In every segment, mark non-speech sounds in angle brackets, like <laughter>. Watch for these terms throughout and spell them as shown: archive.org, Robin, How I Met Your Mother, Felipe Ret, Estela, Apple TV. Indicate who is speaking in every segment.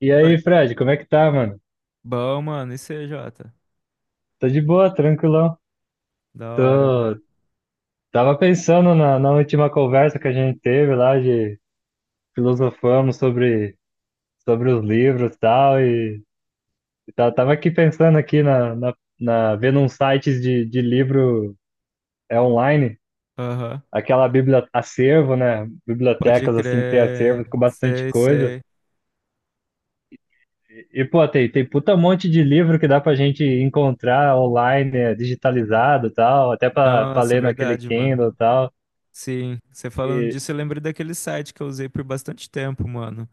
Speaker 1: E
Speaker 2: Oi.
Speaker 1: aí, Fred, como é que tá, mano?
Speaker 2: Bom, mano, e C J.
Speaker 1: Tô de boa, tranquilão.
Speaker 2: Da hora,
Speaker 1: Tô...
Speaker 2: mano.
Speaker 1: Tava pensando na última conversa que a gente teve lá, de filosofamos sobre, sobre os livros e tal, e, tava aqui pensando aqui na vendo uns sites de livro é, online,
Speaker 2: Aham.
Speaker 1: aquela biblia, acervo, né?
Speaker 2: Pode
Speaker 1: Bibliotecas assim que tem
Speaker 2: crer.
Speaker 1: acervos com bastante
Speaker 2: Sei,
Speaker 1: coisa.
Speaker 2: sei.
Speaker 1: Pô, tem, tem puta monte de livro que dá pra gente encontrar online, é, digitalizado e tal, até pra, pra
Speaker 2: Nossa,
Speaker 1: ler naquele
Speaker 2: verdade, mano.
Speaker 1: Kindle e tal.
Speaker 2: Sim, você falando
Speaker 1: E,
Speaker 2: disso, eu lembrei daquele site que eu usei por bastante tempo, mano.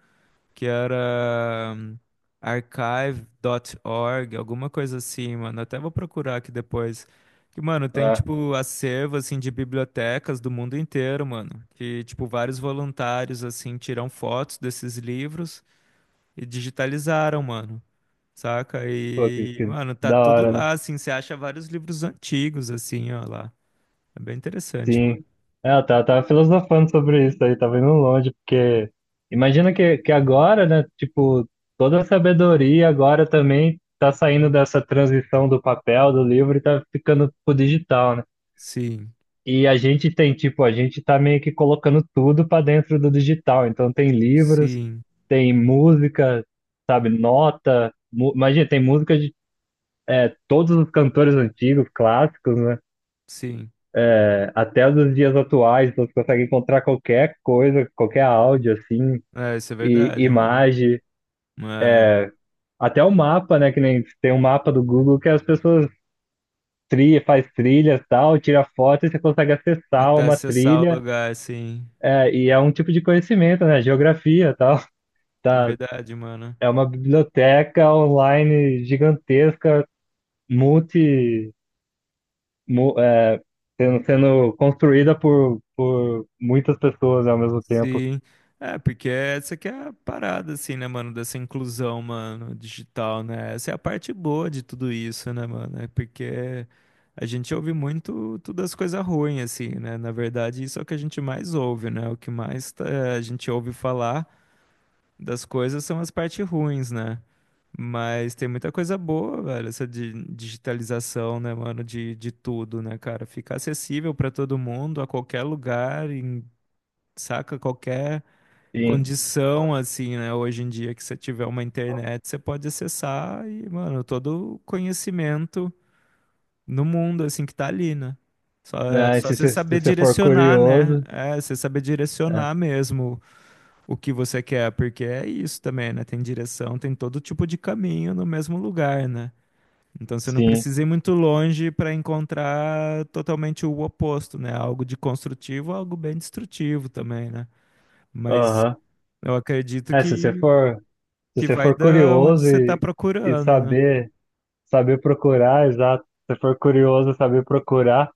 Speaker 2: Que era archive.org, alguma coisa assim, mano. Até vou procurar aqui depois. Que, mano, tem,
Speaker 1: ah,
Speaker 2: tipo, acervo, assim, de bibliotecas do mundo inteiro, mano. Que, tipo, vários voluntários, assim, tiram fotos desses livros e digitalizaram, mano. Saca?
Speaker 1: pô,
Speaker 2: E,
Speaker 1: que
Speaker 2: mano, tá
Speaker 1: da
Speaker 2: tudo
Speaker 1: hora, né?
Speaker 2: lá, assim, você acha vários livros antigos, assim, ó, lá. É bem interessante, mano.
Speaker 1: Sim. É, eu tava, tava filosofando sobre isso aí, tava indo longe, porque imagina que agora, né, tipo, toda a sabedoria agora também tá saindo dessa transição do papel, do livro e tá ficando pro digital, né?
Speaker 2: Sim,
Speaker 1: E a gente tem, tipo, a gente tá meio que colocando tudo pra dentro do digital. Então tem livros,
Speaker 2: sim,
Speaker 1: tem música, sabe, nota. Imagina, tem música de todos os cantores antigos, clássicos, né?
Speaker 2: sim.
Speaker 1: Até nos dias atuais, então você consegue encontrar qualquer coisa, qualquer áudio, assim,
Speaker 2: É, isso é
Speaker 1: e
Speaker 2: verdade, mano.
Speaker 1: imagem,
Speaker 2: É,
Speaker 1: até o mapa, né? Que nem tem um mapa do Google que as pessoas trilha, faz trilhas e tal, tira foto e você consegue acessar
Speaker 2: até
Speaker 1: uma
Speaker 2: acessar o
Speaker 1: trilha,
Speaker 2: lugar, assim.
Speaker 1: é, e é um tipo de conhecimento, né? Geografia e tal. <laughs> Tá,
Speaker 2: Verdade, mano.
Speaker 1: é uma biblioteca online gigantesca, multi, é, sendo, sendo construída por muitas pessoas ao mesmo tempo.
Speaker 2: Sim. É, porque essa que é a parada, assim, né, mano, dessa inclusão, mano, digital, né? Essa é a parte boa de tudo isso, né, mano? É porque a gente ouve muito todas as coisas ruins, assim, né? Na verdade, isso é o que a gente mais ouve, né? O que mais tá- A gente ouve falar das coisas são as partes ruins, né? Mas tem muita coisa boa, velho, essa digitalização, né, mano, de tudo, né, cara? Fica acessível pra todo mundo, a qualquer lugar, em, saca? Qualquer
Speaker 1: Sim.
Speaker 2: condição, assim, né? Hoje em dia, que você tiver uma internet, você pode acessar e, mano, todo o conhecimento no mundo, assim, que tá ali, né? Só, é,
Speaker 1: Né,
Speaker 2: só você
Speaker 1: se
Speaker 2: saber
Speaker 1: você for
Speaker 2: direcionar, né?
Speaker 1: curioso,
Speaker 2: É, você saber
Speaker 1: é,
Speaker 2: direcionar mesmo o que você quer, porque é isso também, né? Tem direção, tem todo tipo de caminho no mesmo lugar, né? Então você não
Speaker 1: sim,
Speaker 2: precisa ir muito longe para encontrar totalmente o oposto, né? Algo de construtivo, algo bem destrutivo também, né? Mas
Speaker 1: aham.
Speaker 2: eu acredito
Speaker 1: É, se você
Speaker 2: que
Speaker 1: for, se
Speaker 2: que
Speaker 1: você
Speaker 2: vai
Speaker 1: for
Speaker 2: da onde
Speaker 1: curioso
Speaker 2: você tá
Speaker 1: e
Speaker 2: procurando, né?
Speaker 1: saber, saber procurar, exato. Se você for curioso e saber procurar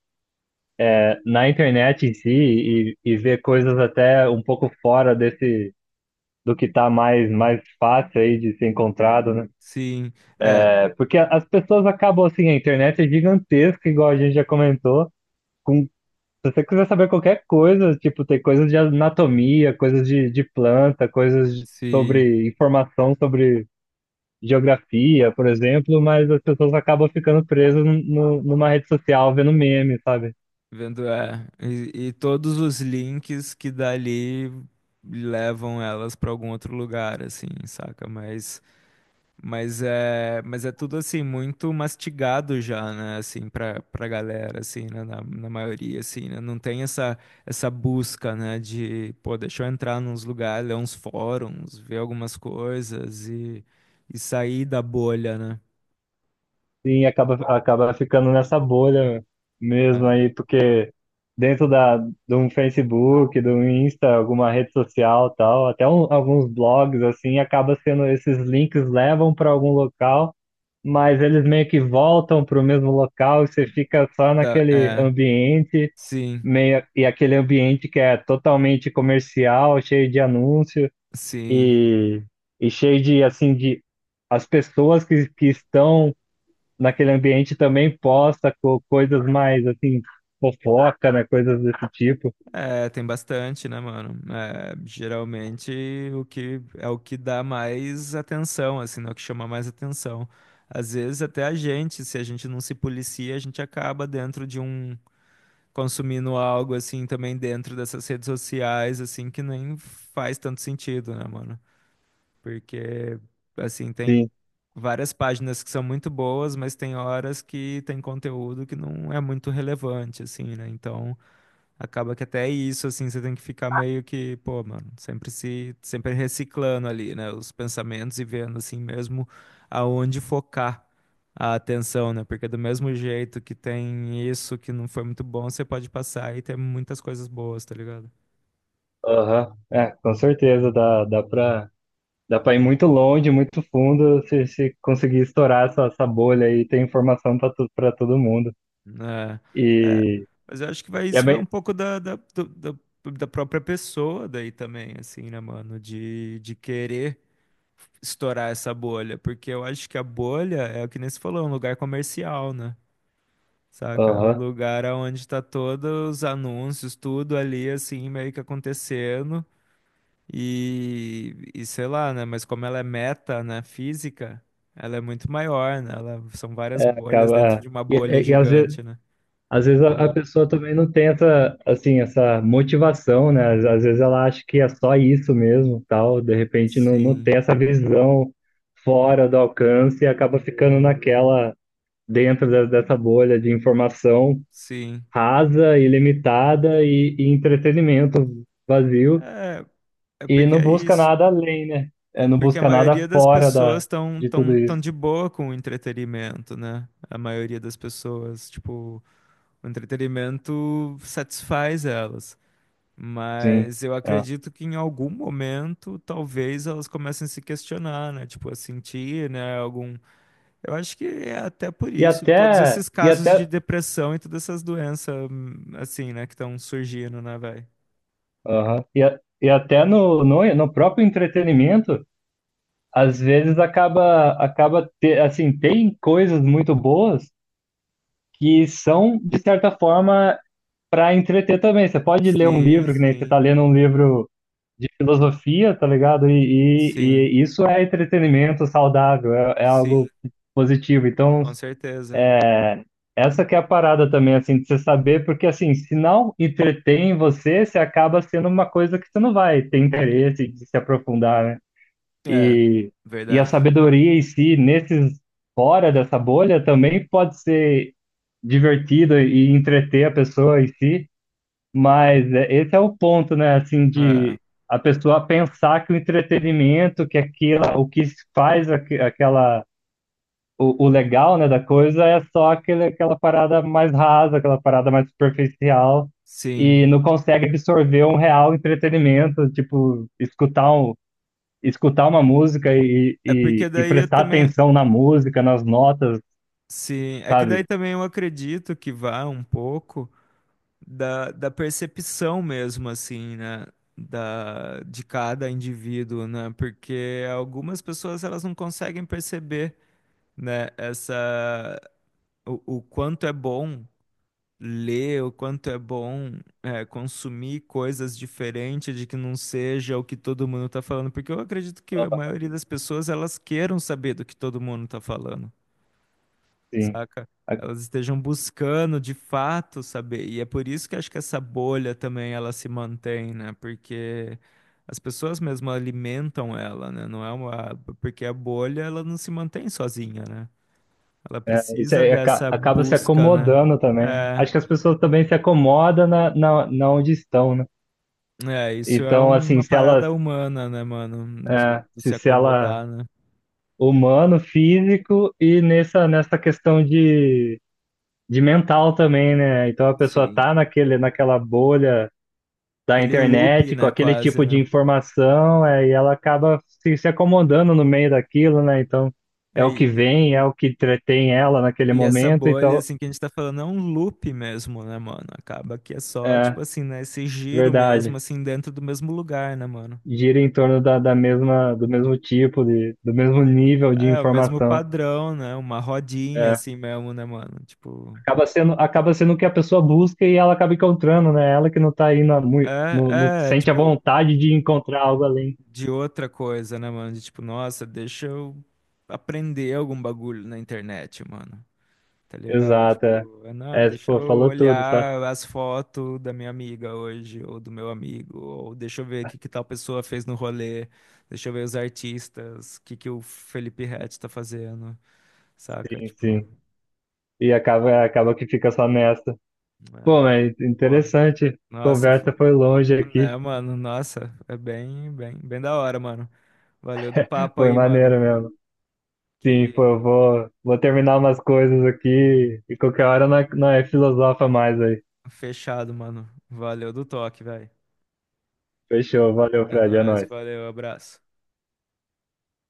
Speaker 1: é, na internet em si e ver coisas até um pouco fora desse do que tá mais fácil aí de ser encontrado, né?
Speaker 2: Sim, é,
Speaker 1: É, porque a- as pessoas acabam assim, a internet é gigantesca, igual a gente já comentou, com. Se você quiser saber qualquer coisa, tipo, tem coisas de anatomia, coisas de planta,
Speaker 2: sim,
Speaker 1: sobre informação sobre geografia, por exemplo, mas as pessoas acabam ficando presas numa rede social vendo meme, sabe?
Speaker 2: vendo, é. E todos os links que dali levam elas pra algum outro lugar, assim, saca? Mas é tudo assim muito mastigado já, né? Assim, pra galera, assim, né? Na maioria, assim, né? Não tem essa busca, né? De, pô, deixa eu entrar nos lugares, ler uns fóruns, ver algumas coisas e sair da bolha, né?
Speaker 1: Sim, acaba, acaba ficando nessa bolha mesmo aí, porque dentro da, de um Facebook, do um Insta, alguma rede social tal, alguns blogs, assim, acaba sendo, esses links levam para algum local, mas eles meio que voltam para o mesmo local e você fica só
Speaker 2: Da,
Speaker 1: naquele
Speaker 2: é,
Speaker 1: ambiente
Speaker 2: sim,
Speaker 1: meio, e aquele ambiente que é totalmente comercial, cheio de anúncio,
Speaker 2: sim.
Speaker 1: e, e cheio de, assim, de as pessoas que estão naquele ambiente também posta co coisas mais, assim, fofoca, né? Coisas desse tipo.
Speaker 2: É, tem bastante, né, mano? É, geralmente o que é o que dá mais atenção, assim, né? O que chama mais atenção. Às vezes até a gente, se a gente não se policia, a gente acaba dentro de um consumindo algo assim também dentro dessas redes sociais, assim, que nem faz tanto sentido, né, mano? Porque, assim, tem
Speaker 1: Sim.
Speaker 2: várias páginas que são muito boas, mas tem horas que tem conteúdo que não é muito relevante, assim, né? Então, acaba que até isso, assim, você tem que ficar meio que, pô, mano, sempre se, sempre reciclando ali, né? Os pensamentos e vendo, assim, mesmo aonde focar a atenção, né? Porque do mesmo jeito que tem isso que não foi muito bom, você pode passar e ter muitas coisas boas, tá ligado?
Speaker 1: Aham. É, com certeza dá, dá pra ir muito longe, muito fundo se, se conseguir estourar essa, essa bolha e ter informação pra, tu, pra todo mundo.
Speaker 2: É, é,
Speaker 1: E,
Speaker 2: mas eu acho que vai,
Speaker 1: e é
Speaker 2: isso vai
Speaker 1: bem.
Speaker 2: um pouco da própria pessoa daí também, assim, né, mano? De querer estourar essa bolha. Porque eu acho que a bolha é o que nem você falou, é um lugar comercial, né? Saca? É um
Speaker 1: Aham.
Speaker 2: lugar onde tá todos os anúncios, tudo ali, assim, meio que acontecendo. E sei lá, né? Mas como ela é meta, né, física, ela é muito maior, né? Ela, são várias bolhas dentro
Speaker 1: Acaba.
Speaker 2: de uma bolha
Speaker 1: E às vezes,
Speaker 2: gigante, né?
Speaker 1: às vezes a pessoa também não tenta, assim, essa motivação, né? Às, às vezes ela acha que é só isso mesmo, tal, de repente não, não
Speaker 2: Sim.
Speaker 1: tem essa visão fora do alcance e acaba ficando naquela, dessa bolha de informação
Speaker 2: Sim.
Speaker 1: rasa, ilimitada e entretenimento vazio
Speaker 2: É, é
Speaker 1: e
Speaker 2: porque
Speaker 1: não
Speaker 2: é
Speaker 1: busca
Speaker 2: isso.
Speaker 1: nada além, né?
Speaker 2: É
Speaker 1: É, não
Speaker 2: porque a
Speaker 1: busca nada
Speaker 2: maioria das
Speaker 1: fora
Speaker 2: pessoas
Speaker 1: da,
Speaker 2: estão
Speaker 1: de
Speaker 2: tão,
Speaker 1: tudo
Speaker 2: tão
Speaker 1: isso,
Speaker 2: de boa com o entretenimento, né? A maioria das pessoas, tipo, o entretenimento satisfaz elas.
Speaker 1: sim.
Speaker 2: Mas eu
Speaker 1: É.
Speaker 2: acredito que em algum momento, talvez elas comecem a se questionar, né? Tipo, a sentir, né? Algum. Eu acho que é até por isso, todos esses
Speaker 1: E
Speaker 2: casos de
Speaker 1: até
Speaker 2: depressão e todas essas doenças, assim, né, que estão surgindo, né, velho?
Speaker 1: aham. E, e até no, no próprio entretenimento, às vezes acaba, assim, tem coisas muito boas que são, de certa forma, para entreter também. Você pode ler um
Speaker 2: Sim,
Speaker 1: livro, que nem você está
Speaker 2: sim,
Speaker 1: lendo um livro de filosofia, tá ligado?
Speaker 2: sim.
Speaker 1: E isso é entretenimento saudável, é, é
Speaker 2: Sim,
Speaker 1: algo positivo. Então,
Speaker 2: com certeza.
Speaker 1: é, essa que é a parada também, assim, de você saber, porque assim, se não entretém você, você acaba sendo uma coisa que você não vai ter interesse de se aprofundar, né?
Speaker 2: É,
Speaker 1: E, e a
Speaker 2: verdade.
Speaker 1: sabedoria em si, nesses fora dessa bolha, também pode ser divertida e entreter a pessoa em si, mas esse é o ponto, né? Assim,
Speaker 2: É,
Speaker 1: de a pessoa pensar que o entretenimento, que aquilo, o que faz aquela o legal, né, da coisa é só aquele, aquela parada mais rasa, aquela parada mais superficial,
Speaker 2: sim.
Speaker 1: e não consegue absorver um real entretenimento, tipo, escutar, um, escutar uma música
Speaker 2: É porque
Speaker 1: e
Speaker 2: daí eu
Speaker 1: prestar
Speaker 2: também.
Speaker 1: atenção na música, nas notas,
Speaker 2: Sim, é que daí
Speaker 1: sabe?
Speaker 2: também eu acredito que vá um pouco da percepção mesmo, assim, né? Da, de cada indivíduo, né? Porque algumas pessoas elas não conseguem perceber, né? Essa, o quanto é bom. Ler o quanto é bom é, consumir coisas diferentes de que não seja o que todo mundo está falando, porque eu acredito que a maioria das pessoas elas queiram saber do que todo mundo está falando,
Speaker 1: Assim,
Speaker 2: saca?
Speaker 1: a-
Speaker 2: Elas estejam buscando de fato saber, e é por isso que acho que essa bolha também ela se mantém, né? Porque as pessoas mesmo alimentam ela, né? Não é uma porque a bolha ela não se mantém sozinha, né? Ela
Speaker 1: isso
Speaker 2: precisa
Speaker 1: aí
Speaker 2: dessa
Speaker 1: acaba se
Speaker 2: busca, né?
Speaker 1: acomodando também, né?
Speaker 2: É.
Speaker 1: Acho que as pessoas também se acomodam na, na onde estão, né?
Speaker 2: É, isso é
Speaker 1: Então, assim,
Speaker 2: uma
Speaker 1: se elas,
Speaker 2: parada humana, né, mano?
Speaker 1: é,
Speaker 2: Do
Speaker 1: se,
Speaker 2: se
Speaker 1: se ela
Speaker 2: acomodar, né?
Speaker 1: humano, físico e nessa, nessa questão de mental também, né? Então a pessoa
Speaker 2: Sim.
Speaker 1: tá naquele, naquela bolha da
Speaker 2: Aquele loop,
Speaker 1: internet, com
Speaker 2: né,
Speaker 1: aquele
Speaker 2: quase,
Speaker 1: tipo de
Speaker 2: né?
Speaker 1: informação, é, e ela acaba se, se acomodando no meio daquilo, né? Então
Speaker 2: É,
Speaker 1: é o que
Speaker 2: e
Speaker 1: vem, é o que entretém ela naquele
Speaker 2: e essa
Speaker 1: momento,
Speaker 2: bolha,
Speaker 1: então
Speaker 2: assim, que a gente tá falando é um loop mesmo, né, mano? Acaba que é só,
Speaker 1: é
Speaker 2: tipo assim, né, esse giro mesmo,
Speaker 1: verdade.
Speaker 2: assim, dentro do mesmo lugar, né, mano?
Speaker 1: Gira em torno da, da mesma, do mesmo tipo, de, do mesmo nível de
Speaker 2: É, o mesmo
Speaker 1: informação.
Speaker 2: padrão, né? Uma rodinha,
Speaker 1: É.
Speaker 2: assim, mesmo, né, mano? Tipo...
Speaker 1: Acaba sendo o que a pessoa busca e ela acaba encontrando, né? Ela que não tá aí na, mui- sente a
Speaker 2: Tipo,
Speaker 1: vontade de encontrar algo além.
Speaker 2: de outra coisa, né, mano? De tipo, nossa, deixa eu aprender algum bagulho na internet, mano. Tá ligado?
Speaker 1: Exato. É,
Speaker 2: Tipo, é não,
Speaker 1: é,
Speaker 2: deixa
Speaker 1: pô,
Speaker 2: eu
Speaker 1: falou tudo, só.
Speaker 2: olhar as fotos da minha amiga hoje, ou do meu amigo, ou deixa eu ver o que que tal pessoa fez no rolê, deixa eu ver os artistas, o que que o Felipe Ret tá fazendo, saca?
Speaker 1: Sim,
Speaker 2: Tipo,
Speaker 1: sim. E acaba, acaba que fica só nessa.
Speaker 2: é,
Speaker 1: Pô, mas
Speaker 2: pô,
Speaker 1: interessante.
Speaker 2: nossa, f-
Speaker 1: Conversa foi longe aqui.
Speaker 2: né, mano, nossa, é bem, bem, bem da hora, mano. Valeu do papo
Speaker 1: Foi
Speaker 2: aí,
Speaker 1: maneiro
Speaker 2: mano.
Speaker 1: mesmo. Sim, pô,
Speaker 2: Que
Speaker 1: eu vou, vou terminar umas coisas aqui e qualquer hora não é, é filosofa mais aí.
Speaker 2: fechado, mano. Valeu do toque, velho.
Speaker 1: Fechou, valeu,
Speaker 2: É
Speaker 1: Fred, é
Speaker 2: nóis,
Speaker 1: nóis.
Speaker 2: valeu, abraço.